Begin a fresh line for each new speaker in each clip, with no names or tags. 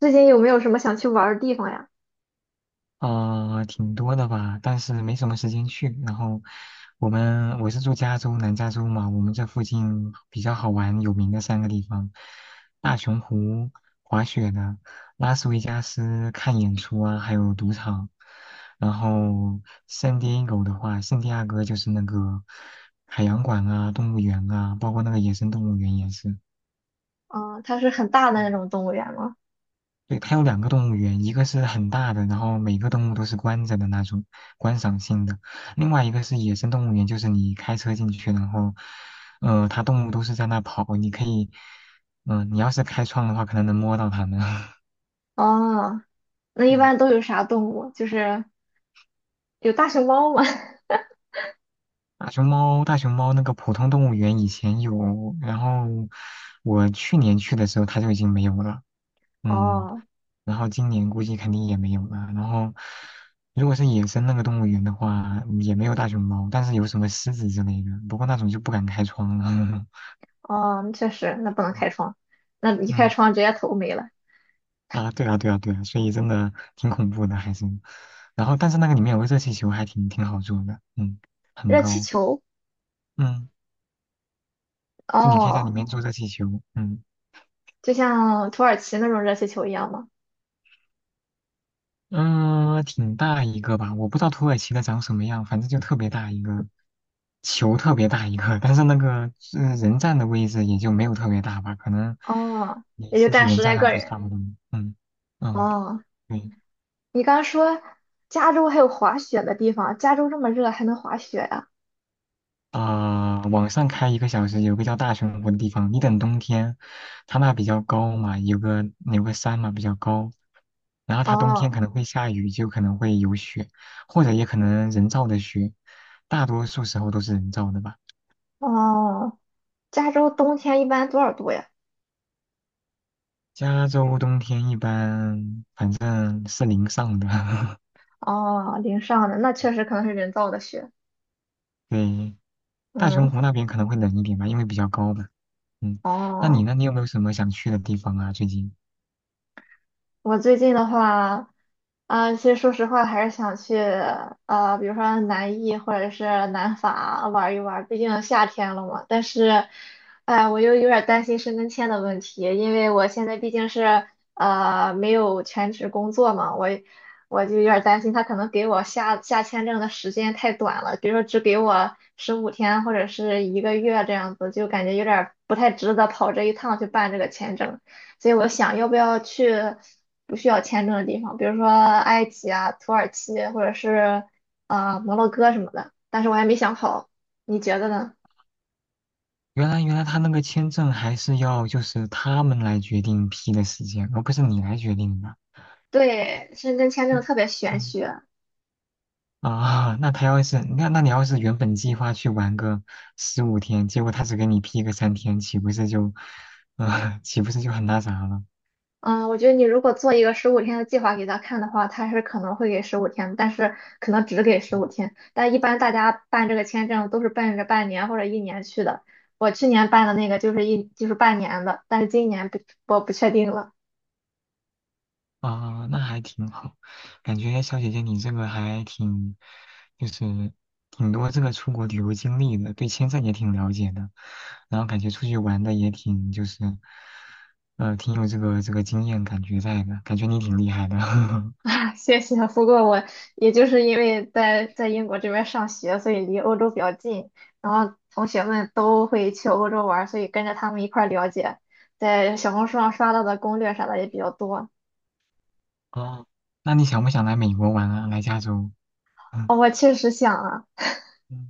最近有没有什么想去玩儿的地方呀？
啊、挺多的吧，但是没什么时间去。然后我是住南加州嘛，我们这附近比较好玩有名的三个地方：大熊湖滑雪的，拉斯维加斯看演出啊，还有赌场。然后圣地亚哥的话，圣地亚哥就是那个海洋馆啊、动物园啊，包括那个野生动物园也是。
啊，它是很大的那种动物园吗？
对，它有两个动物园，一个是很大的，然后每个动物都是关着的那种观赏性的；另外一个是野生动物园，就是你开车进去，然后，它动物都是在那跑，你可以，你要是开窗的话，可能能摸到它们。
哦，那一
嗯，
般都有啥动物？就是有大熊猫吗？
大熊猫那个普通动物园以前有，然后我去年去的时候它就已经没有了。嗯。
哦
然后今年估计肯定也没有了。然后，如果是野生那个动物园的话，也没有大熊猫，但是有什么狮子之类的。不过那种就不敢开窗了。
哦，确实，那不能 开窗，那一开
嗯
窗直接头没了。
啊，对啊，对啊，对啊，所以真的挺恐怖的，还是。然后，但是那个里面有个热气球，还挺好坐的，嗯，很
热气
高，
球，
嗯，就你可以在里
哦，
面坐热气球，嗯。
就像土耳其那种热气球一样吗？
嗯，挺大一个吧，我不知道土耳其的长什么样，反正就特别大一个，球特别大一个，但是那个人站的位置也就没有特别大吧，可能
哦，
你
也就
十几
站
人
十
站
来
上
个
去
人。
差不多。嗯嗯，
哦，
对
你刚刚说加州还有滑雪的地方，加州这么热还能滑雪呀？
啊，往上开1个小时，有个叫大熊湖的地方，你等冬天，它那比较高嘛，有个山嘛比较高，然后它冬天
哦
可能会下雨，就可能会有雪，或者也可能人造的雪，大多数时候都是人造的吧。
哦，加州冬天一般多少度呀？
加州冬天一般，反正是零上的。
哦，淋上的那确实可能是人造的雪。
对，大熊
嗯，
湖那边可能会冷一点吧，因为比较高嘛。嗯。那你
哦。
呢？你有没有什么想去的地方啊？最近？
我最近的话，啊、其实说实话，还是想去比如说南艺或者是南法玩一玩，毕竟夏天了嘛。但是，哎，我又有点担心申根签的问题，因为我现在毕竟是没有全职工作嘛，我就有点担心他可能给我下签证的时间太短了，比如说只给我十五天或者是一个月这样子，就感觉有点不太值得跑这一趟去办这个签证。所以我想要不要去不需要签证的地方，比如说埃及啊、土耳其或者是摩洛哥什么的，但是我还没想好，你觉得呢？
原来他那个签证还是要就是他们来决定批的时间，而不是你来决定的。
对，申根签证
就，
特别玄
嗯
学。
啊，那他要是那你要是原本计划去玩个15天，结果他只给你批个3天，岂不是就，啊、岂不是就很那啥了？嗯
嗯，我觉得你如果做一个十五天的计划给他看的话，他是可能会给十五天，但是可能只给十五天。但一般大家办这个签证都是奔着半年或者一年去的。我去年办的那个就是半年的，但是今年不我不确定了。
啊，那还挺好，感觉小姐姐你这个还挺，就是挺多这个出国旅游经历的，对签证也挺了解的，然后感觉出去玩的也挺就是，挺有这个经验感觉在的，感觉你挺厉害的。
啊，谢谢。不过我也就是因为在英国这边上学，所以离欧洲比较近，然后同学们都会去欧洲玩儿所以跟着他们一块儿了解，在小红书上刷到的攻略啥的也比较多。
哦，那你想不想来美国玩啊？来加州？嗯嗯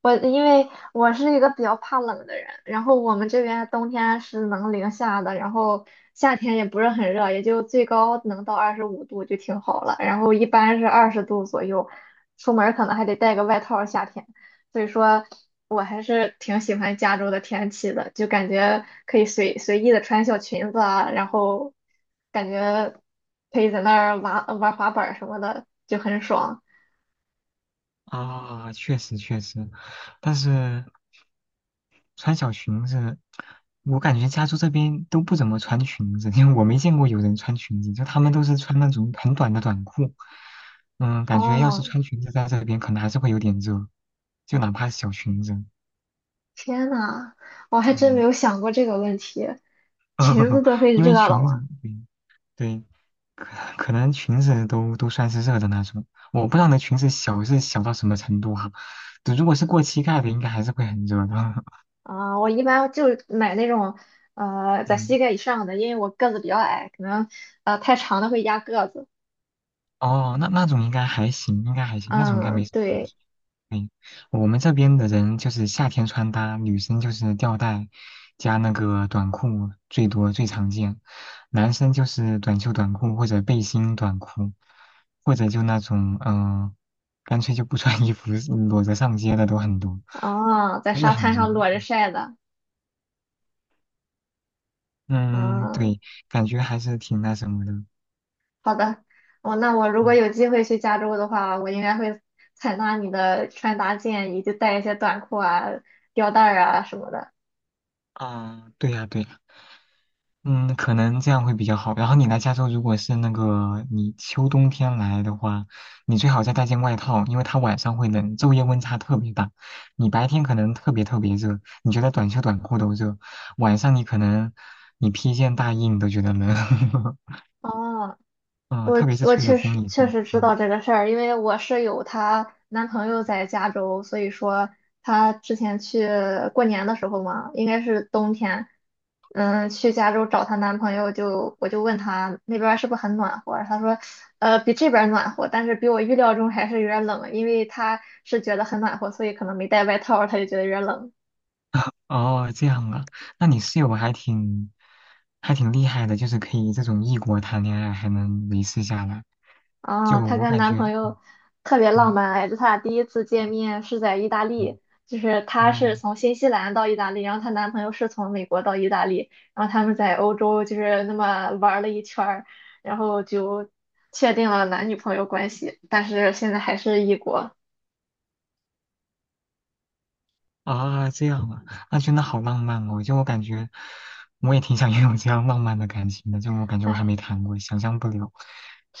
我因为我是一个比较怕冷的人，然后我们这边冬天是能零下的，然后夏天也不是很热，也就最高能到25度就挺好了，然后一般是20度左右，出门儿可能还得带个外套儿夏天，所以说我还是挺喜欢加州的天气的，就感觉可以随意的穿小裙子啊，然后感觉可以在那儿玩玩滑板儿什么的，就很爽。
啊，确实确实，但是。穿小裙子，我感觉加州这边都不怎么穿裙子，因为我没见过有人穿裙子，就他们都是穿那种很短的短裤。嗯，感觉要是
哦，
穿裙子在这边，可能还是会有点热，就哪怕是小裙子。
天呐，我还真没
嗯，
有想过这个问题。裙子 都会
因
热
为
了
裙子，
吗？
对对可可能裙子都算是热的那种。我不知道那裙子小是小到什么程度哈、对如果是过膝盖的，应该还是会很热的。
啊、我一般就买那种在
嗯，
膝盖以上的，因为我个子比较矮，可能太长的会压个子。
哦，那种应该还行，应该还行，那种应该没
嗯，
什么问
对，
题。嗯，我们这边的人就是夏天穿搭，女生就是吊带加那个短裤，最多最常见。男生就是短袖短裤或者背心短裤，或者就那种干脆就不穿衣服，裸着上街的都很多，
啊，在
真的
沙
很
滩
热。
上裸着晒的。
嗯，
嗯，
对，感觉还是挺那什么的。
好的。哦，那我如果
嗯
有机会去加州的话，我应该会采纳你的穿搭建议，就带一些短裤啊、吊带儿啊什么的。
啊，对呀，对呀。嗯，可能这样会比较好。然后你来加州，如果是那个你秋冬天来的话，你最好再带件外套，因为它晚上会冷，昼夜温差特别大。你白天可能特别特别热，你觉得短袖短裤都热，晚上你可能你披件大衣你都觉得冷。
哦，
嗯，
我
特别是
我
吹了
确实
风以
确
后，
实知道
嗯，
这个事儿，因为我室友她男朋友在加州，所以说她之前去过年的时候嘛，应该是冬天，嗯，去加州找她男朋友就，我就问她那边儿是不是很暖和，她说，比这边儿暖和，但是比我预料中还是有点儿冷，因为她是觉得很暖和，所以可能没带外套儿她就觉得有点儿冷。
哦，这样啊，那你室友还挺厉害的，就是可以这种异国谈恋爱还能维持下来，
啊，
就
她
我
跟
感
男
觉，
朋
嗯
友特别浪
嗯。
漫，哎，就她俩第一次见面是在意大
嗯
利，就是她
哦，
是从新西兰到意大利，然后她男朋友是从美国到意大利，然后他们在欧洲就是那么玩了一圈儿，然后就确定了男女朋友关系，但是现在还是异国，
啊，这样啊，那真的好浪漫哦！就我感觉，我也挺想 拥有这样浪漫的感情的。就我感觉我还
哎，
没谈过，想象不了。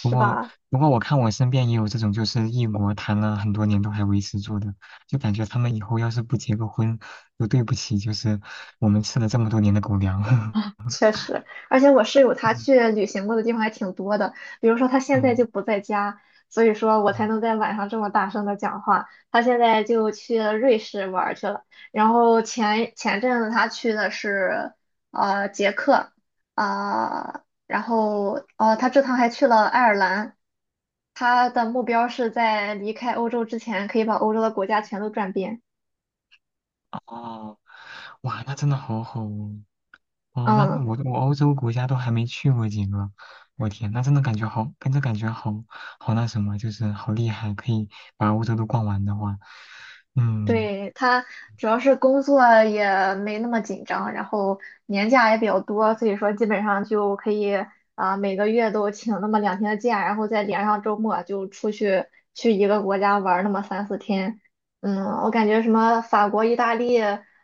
不过，
吧？
不过我看我身边也有这种，就是异国谈了很多年都还维持住的，就感觉他们以后要是不结个婚，都对不起，就是我们吃了这么多年的狗粮。
确实，而且我室友 他
嗯
去旅行过的地方还挺多的，比如说他现在
嗯
就不在家，所以说我才
嗯，
能在晚上这么大声的讲话。他现在就去了瑞士玩儿去了，然后前阵子他去的是捷克，啊、然后他这趟还去了爱尔兰，他的目标是在离开欧洲之前可以把欧洲的国家全都转遍。
哦，哇，那真的好好哦。哦，那
嗯，
那我我欧洲国家都还没去过几个，我天，那真的感觉好，跟着感觉好好那什么，就是好厉害，可以把欧洲都逛完的话，嗯，
对，他主要是工作也没那么紧张，然后年假也比较多，所以说基本上就可以啊、每个月都请那么2天的假，然后再连上周末就出去去一个国家玩儿那么三四天。嗯，我感觉什么法国、意大利、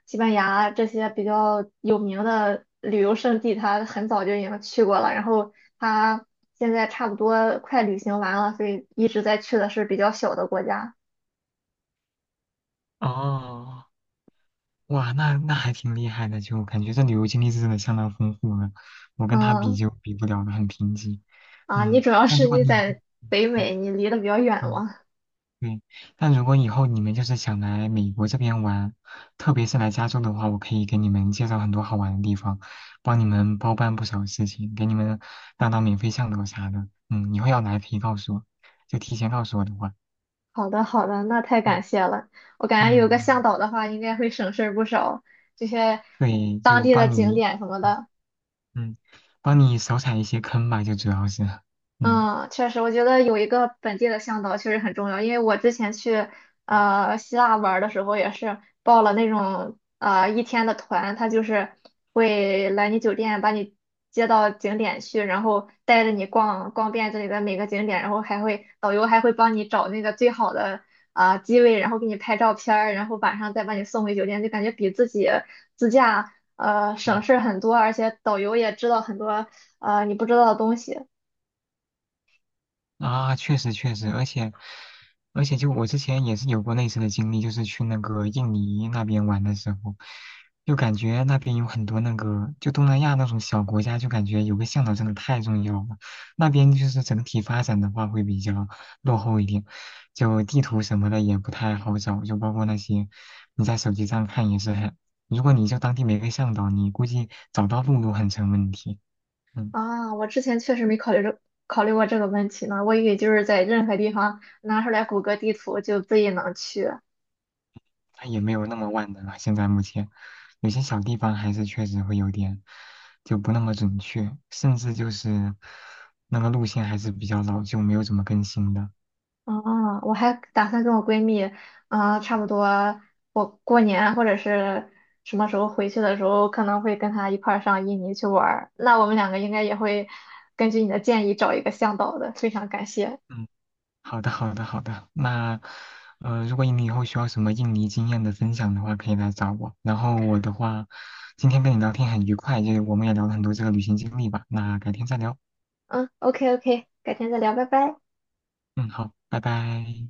西班牙这些比较有名的旅游胜地，他很早就已经去过了，然后他现在差不多快旅行完了，所以一直在去的是比较小的国家。
哦，哇，那那还挺厉害的，就感觉这旅游经历是真的相当丰富了，我跟他比
嗯。
就比不了了，很贫瘠，
啊，你
嗯，
主要
但
是
如果
你
你，
在
嗯，
北
嗯
美，你离得比较远
嗯
吗？
对，但如果以后你们就是想来美国这边玩，特别是来加州的话，我可以给你们介绍很多好玩的地方，帮你们包办不少事情，给你们当当免费向导啥的。嗯，以后要来可以告诉我，就提前告诉我的话，
好的，好的，那太感
嗯
谢了。我感觉有个向
嗯，
导的话，应该会省事儿不少，这些
对，
当
就
地的
帮
景
你，
点什么
嗯，
的。
嗯帮你少踩一些坑吧，就主要是，嗯
嗯，确实，我觉得有一个本地的向导确实很重要，因为我之前去希腊玩儿的时候也是报了那种一天的团，他就是会来你酒店把你接到景点去，然后带着你逛遍这里的每个景点，然后导游还会帮你找那个最好的啊、机位，然后给你拍照片儿，然后晚上再把你送回酒店，就感觉比自己自驾
嗯
省事儿很多，而且导游也知道很多你不知道的东西。
啊，确实确实，而且，就我之前也是有过类似的经历，就是去那个印尼那边玩的时候，就感觉那边有很多那个，就东南亚那种小国家，就感觉有个向导真的太重要了。那边就是整体发展的话会比较落后一点，就地图什么的也不太好找，就包括那些你在手机上看也是很，如果你就当地没个向导，你估计找到路都很成问题。嗯。
啊，我之前确实没考虑考虑过这个问题呢，我以为就是在任何地方拿出来谷歌地图就自己能去。
它也没有那么万能啊。现在目前有些小地方还是确实会有点就不那么准确，甚至就是那个路线还是比较老旧，没有怎么更新的。
啊，我还打算跟我闺蜜，啊，差不多我过年或者是什么时候回去的时候，可能会跟她一块儿上印尼去玩儿。那我们两个应该也会根据你的建议找一个向导的，非常感谢。
嗯，好的，好的，好的。那如果你以后需要什么印尼经验的分享的话，可以来找我。然后我的话，今天跟你聊天很愉快，就是我们也聊了很多这个旅行经历吧。那改天再聊。
嗯，OK OK，改天再聊，拜拜。
嗯，好，拜拜。